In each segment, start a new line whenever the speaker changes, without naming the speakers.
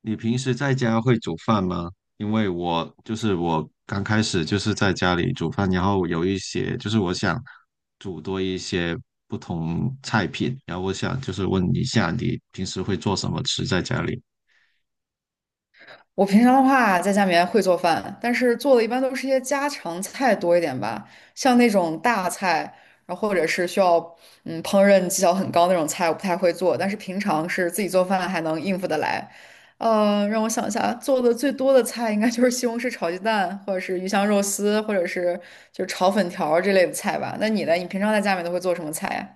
你平时在家会煮饭吗？因为我就是我刚开始就是在家里煮饭，然后有一些就是我想煮多一些不同菜品，然后我想就是问一下你平时会做什么吃在家里？
我平常的话，在家里面会做饭，但是做的一般都是一些家常菜多一点吧，像那种大菜，然后或者是需要烹饪技巧很高那种菜，我不太会做。但是平常是自己做饭还能应付得来。让我想一下，做的最多的菜应该就是西红柿炒鸡蛋，或者是鱼香肉丝，或者是就是炒粉条儿这类的菜吧。那你呢？你平常在家里面都会做什么菜呀？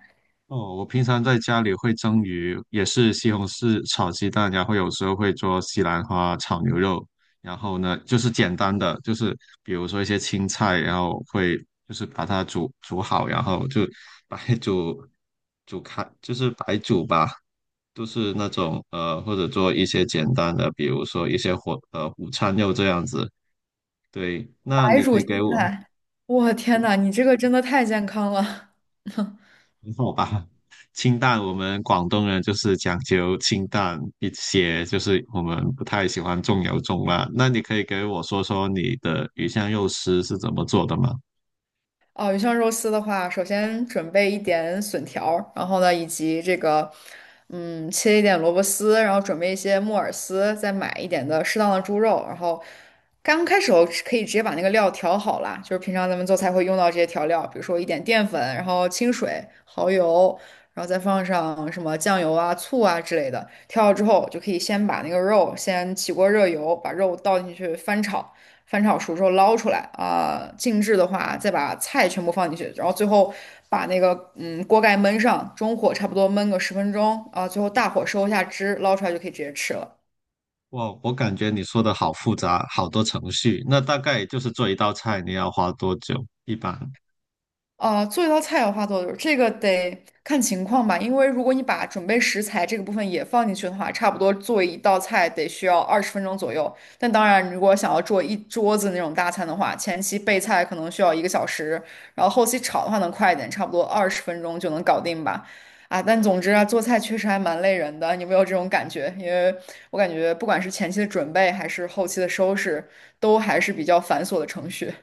哦，我平常在家里会蒸鱼，也是西红柿炒鸡蛋，然后有时候会做西兰花炒牛肉，然后呢，就是简单的，就是比如说一些青菜，然后会就是把它煮煮好，然后就白煮煮开，就是白煮吧，都是那种或者做一些简单的，比如说一些午餐肉这样子。对，那
白
你
煮
可以
青
给我。
菜，我天呐，你这个真的太健康了。
好吧，清淡，我们广东人就是讲究清淡一些，就是我们不太喜欢重油重辣。那你可以给我说说你的鱼香肉丝是怎么做的吗？
哦，鱼香肉丝的话，首先准备一点笋条儿然后呢，以及这个，切一点萝卜丝，然后准备一些木耳丝，再买一点的适当的猪肉，然后刚开始我是可以直接把那个料调好啦，就是平常咱们做菜会用到这些调料，比如说一点淀粉，然后清水、蚝油，然后再放上什么酱油啊、醋啊之类的。调好之后，就可以先把那个肉先起锅热油，把肉倒进去翻炒。翻炒熟之后捞出来啊、静置的话再把菜全部放进去，然后最后把那个锅盖焖上，中火差不多焖个十分钟啊、最后大火收一下汁，捞出来就可以直接吃了。
哇，我感觉你说的好复杂，好多程序。那大概就是做一道菜，你要花多久？一般？
啊，做一道菜要花多久？这个得看情况吧，因为如果你把准备食材这个部分也放进去的话，差不多做一道菜得需要二十分钟左右。但当然，如果想要做一桌子那种大餐的话，前期备菜可能需要1个小时，然后后期炒的话能快一点，差不多二十分钟就能搞定吧。啊，但总之啊，做菜确实还蛮累人的，你有没有这种感觉？因为我感觉不管是前期的准备还是后期的收拾，都还是比较繁琐的程序。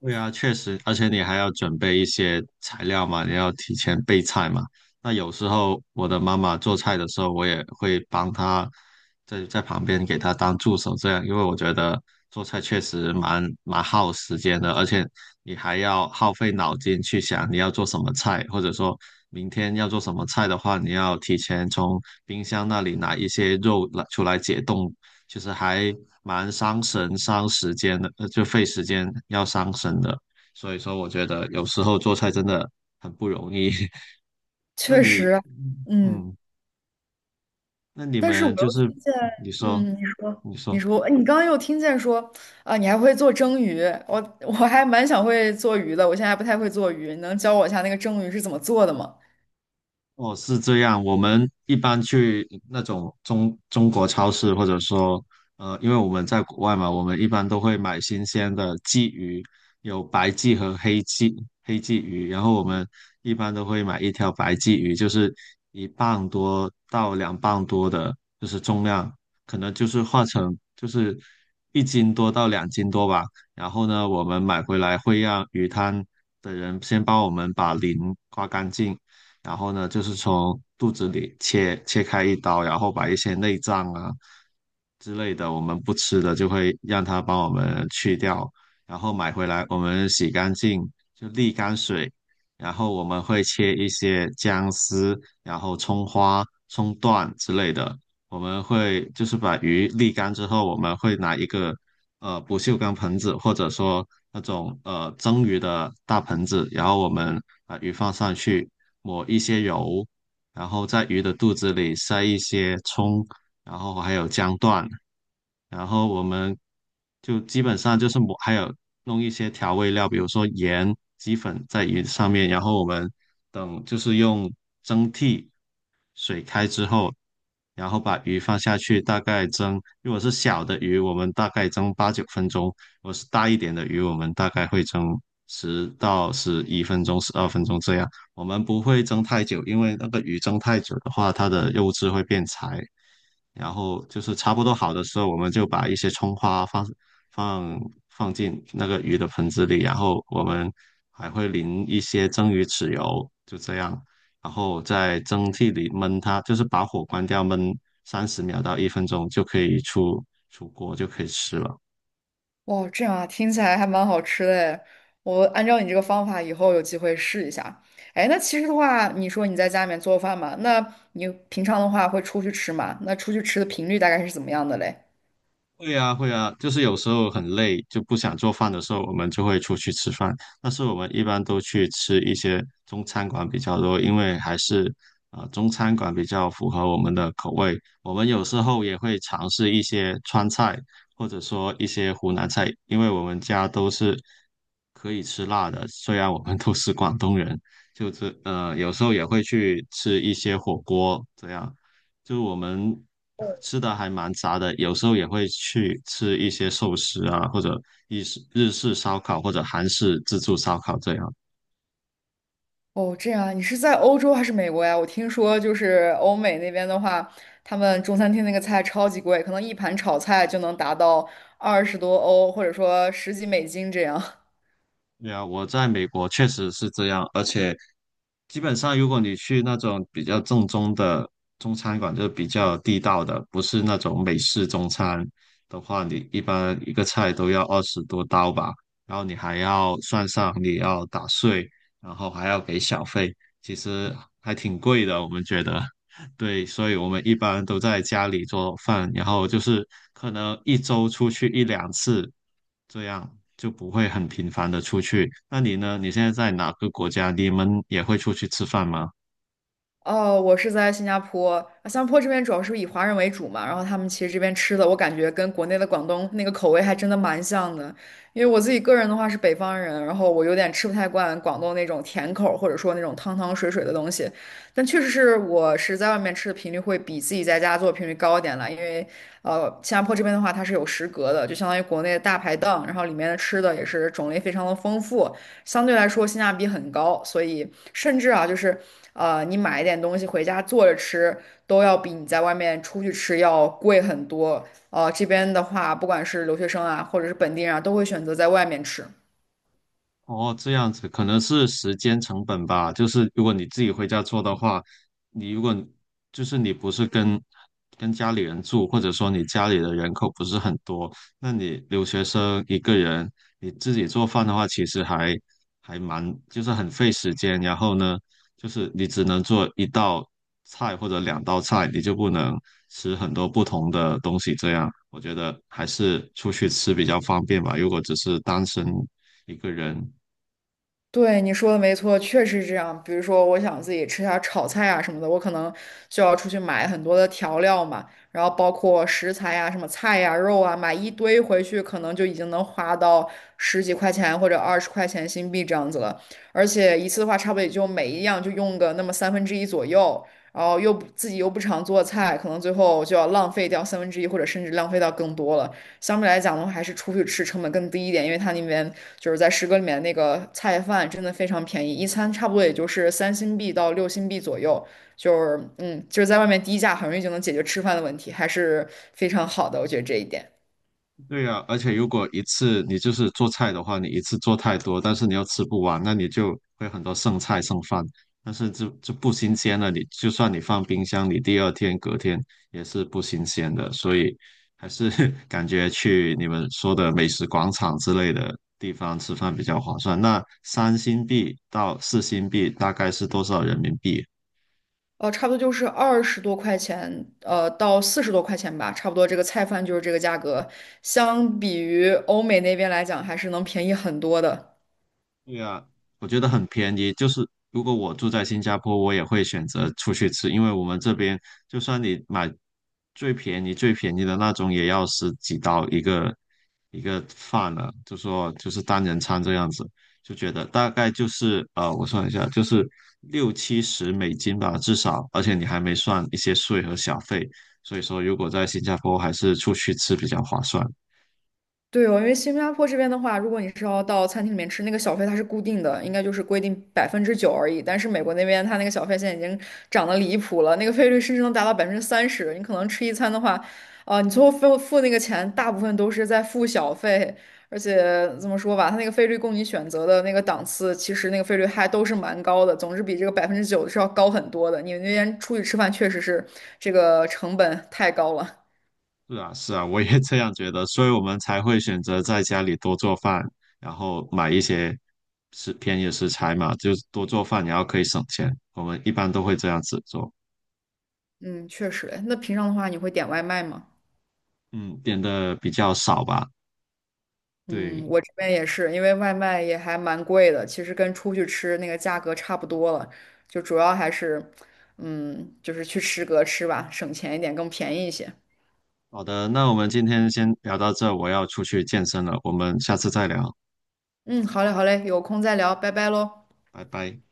对啊，确实，而且你还要准备一些材料嘛，你要提前备菜嘛。那有时候我的妈妈做菜的时候，我也会帮她在旁边给她当助手，这样，因为我觉得做菜确实蛮耗时间的，而且你还要耗费脑筋去想你要做什么菜，或者说明天要做什么菜的话，你要提前从冰箱那里拿一些肉来出来解冻，其实还蛮伤神、伤时间的，呃，就费时间要伤神的。所以说，我觉得有时候做菜真的很不容易。那
确
你，
实啊，嗯。
嗯，那你
但是我
们就
又
是
听见，
你说，
你说，
你说。
哎你刚刚又听见说啊，你还会做蒸鱼，我还蛮想会做鱼的，我现在还不太会做鱼，你能教我一下那个蒸鱼是怎么做的吗？
哦，是这样。我们一般去那种中国超市，或者说，呃，因为我们在国外嘛，我们一般都会买新鲜的鲫鱼，有白鲫和黑鲫鱼。然后我们一般都会买一条白鲫鱼，就是1磅多到2磅多的，就是重量，可能就是化成就是1斤多到2斤多吧。然后呢，我们买回来会让鱼摊的人先帮我们把鳞刮干净。然后呢，就是从肚子里切开一刀，然后把一些内脏啊之类的我们不吃的，就会让它帮我们去掉，然后买回来我们洗干净，就沥干水，然后我们会切一些姜丝，然后葱花、葱段之类的。我们会就是把鱼沥干之后，我们会拿一个不锈钢盆子，或者说那种蒸鱼的大盆子，然后我们把鱼放上去，抹一些油，然后在鱼的肚子里塞一些葱，然后还有姜段，然后我们就基本上就是抹，还有弄一些调味料，比如说盐、鸡粉在鱼上面，然后我们等就是用蒸屉水开之后，然后把鱼放下去，大概蒸。如果是小的鱼，我们大概蒸8、9分钟；如果是大一点的鱼，我们大概会蒸10到11分钟、12分钟这样。我们不会蒸太久，因为那个鱼蒸太久的话，它的肉质会变柴，然后就是差不多好的时候，我们就把一些葱花放放进那个鱼的盆子里，然后我们还会淋一些蒸鱼豉油，就这样，然后在蒸屉里焖它，就是把火关掉焖30秒到1分钟就可以出锅，就可以吃了。
哇，这样啊，听起来还蛮好吃的诶，我按照你这个方法，以后有机会试一下。哎，那其实的话，你说你在家里面做饭嘛，那你平常的话会出去吃嘛？那出去吃的频率大概是怎么样的嘞？
会啊，会啊，就是有时候很累，就不想做饭的时候，我们就会出去吃饭。但是我们一般都去吃一些中餐馆比较多，因为还是中餐馆比较符合我们的口味。我们有时候也会尝试一些川菜，或者说一些湖南菜，因为我们家都是可以吃辣的，虽然我们都是广东人，就是有时候也会去吃一些火锅这样。就是我们吃的还蛮杂的，有时候也会去吃一些寿司啊，或者日式烧烤，或者韩式自助烧烤这样。
哦，这样，啊，你是在欧洲还是美国呀？我听说就是欧美那边的话，他们中餐厅那个菜超级贵，可能一盘炒菜就能达到20多欧，或者说十几美金这样。
对啊，我在美国确实是这样，而且基本上如果你去那种比较正宗的中餐馆，就是比较地道的，不是那种美式中餐的话，你一般一个菜都要20多刀吧，然后你还要算上你要打碎，然后还要给小费，其实还挺贵的，我们觉得。对，所以我们一般都在家里做饭，然后就是可能一周出去一两次，这样就不会很频繁的出去。那你呢？你现在在哪个国家？你们也会出去吃饭吗？
哦，我是在新加坡，啊新加坡这边主要是以华人为主嘛，然后他们其实这边吃的，我感觉跟国内的广东那个口味还真的蛮像的。因为我自己个人的话是北方人，然后我有点吃不太惯广东那种甜口儿或者说那种汤汤水水的东西，但确实是我是在外面吃的频率会比自己在家做的频率高一点了，因为新加坡这边的话它是有食阁的，就相当于国内的大排档，然后里面的吃的也是种类非常的丰富。相对来说性价比很高，所以甚至啊，就是你买一点东西回家做着吃，都要比你在外面出去吃要贵很多。这边的话，不管是留学生啊，或者是本地人啊，都会选择在外面吃。
哦，这样子可能是时间成本吧。就是如果你自己回家做的话，你如果就是你不是跟家里人住，或者说你家里的人口不是很多，那你留学生一个人，你自己做饭的话，其实还蛮就是很费时间。然后呢，就是你只能做一道菜或者两道菜，你就不能吃很多不同的东西。这样我觉得还是出去吃比较方便吧。如果只是单身一个人。
对，你说的没错，确实是这样。比如说，我想自己吃下炒菜啊什么的，我可能就要出去买很多的调料嘛，然后包括食材呀、什么菜呀、肉啊，买一堆回去，可能就已经能花到十几块钱或者20块钱新币这样子了。而且一次的话，差不多也就每一样就用个那么三分之一左右，然后又不自己又不常做菜，可能最后就要浪费掉三分之一，或者甚至浪费到更多了。相对来讲的话，还是出去吃成本更低一点，因为它那边就是在诗歌里面那个菜饭真的非常便宜，一餐差不多也就是3新币到6新币左右，就是在外面低价很容易就能解决吃饭的问题，还是非常好的，我觉得这一点。
对呀，而且如果一次你就是做菜的话，你一次做太多，但是你又吃不完，那你就会很多剩菜剩饭。但是就不新鲜了，你就算你放冰箱，你第二天隔天也是不新鲜的。所以还是 感觉去你们说的美食广场之类的地方吃饭比较划算。那3星币到4星币大概是多少人民币
哦，差不多就是20多块钱，到40多块钱吧，差不多这个菜饭就是这个价格，相比于欧美那边来讲，还是能便宜很多的。
对啊，我觉得很便宜。就是如果我住在新加坡，我也会选择出去吃，因为我们这边就算你买最便宜最便宜的那种，也要十几刀一个饭了，就说就是单人餐这样子，就觉得大概就是呃，我算一下，就是6、70美金吧，至少，而且你还没算一些税和小费，所以说如果在新加坡还是出去吃比较划算。
对哦，因为新加坡这边的话，如果你是要到餐厅里面吃，那个小费它是固定的，应该就是规定百分之九而已。但是美国那边它那个小费现在已经涨得离谱了，那个费率甚至能达到30%。你可能吃一餐的话，啊、你最后付那个钱，大部分都是在付小费。而且怎么说吧，它那个费率供你选择的那个档次，其实那个费率还都是蛮高的，总之比这个百分之九是要高很多的。你们那边出去吃饭确实是这个成本太高了。
是啊，是啊，我也这样觉得，所以我们才会选择在家里多做饭，然后买一些便宜的食材嘛，就是多做饭，然后可以省钱。我们一般都会这样子做，
嗯，确实。诶那平常的话，你会点外卖吗？
嗯，点的比较少吧。
嗯，
对，
我这边也是，因为外卖也还蛮贵的，其实跟出去吃那个价格差不多了，就主要还是，就是去食阁吃吧，省钱一点，更便宜一些。
好的，那我们今天先聊到这，我要出去健身了，我们下次再聊，
嗯，好嘞，好嘞，有空再聊，拜拜喽。
拜拜。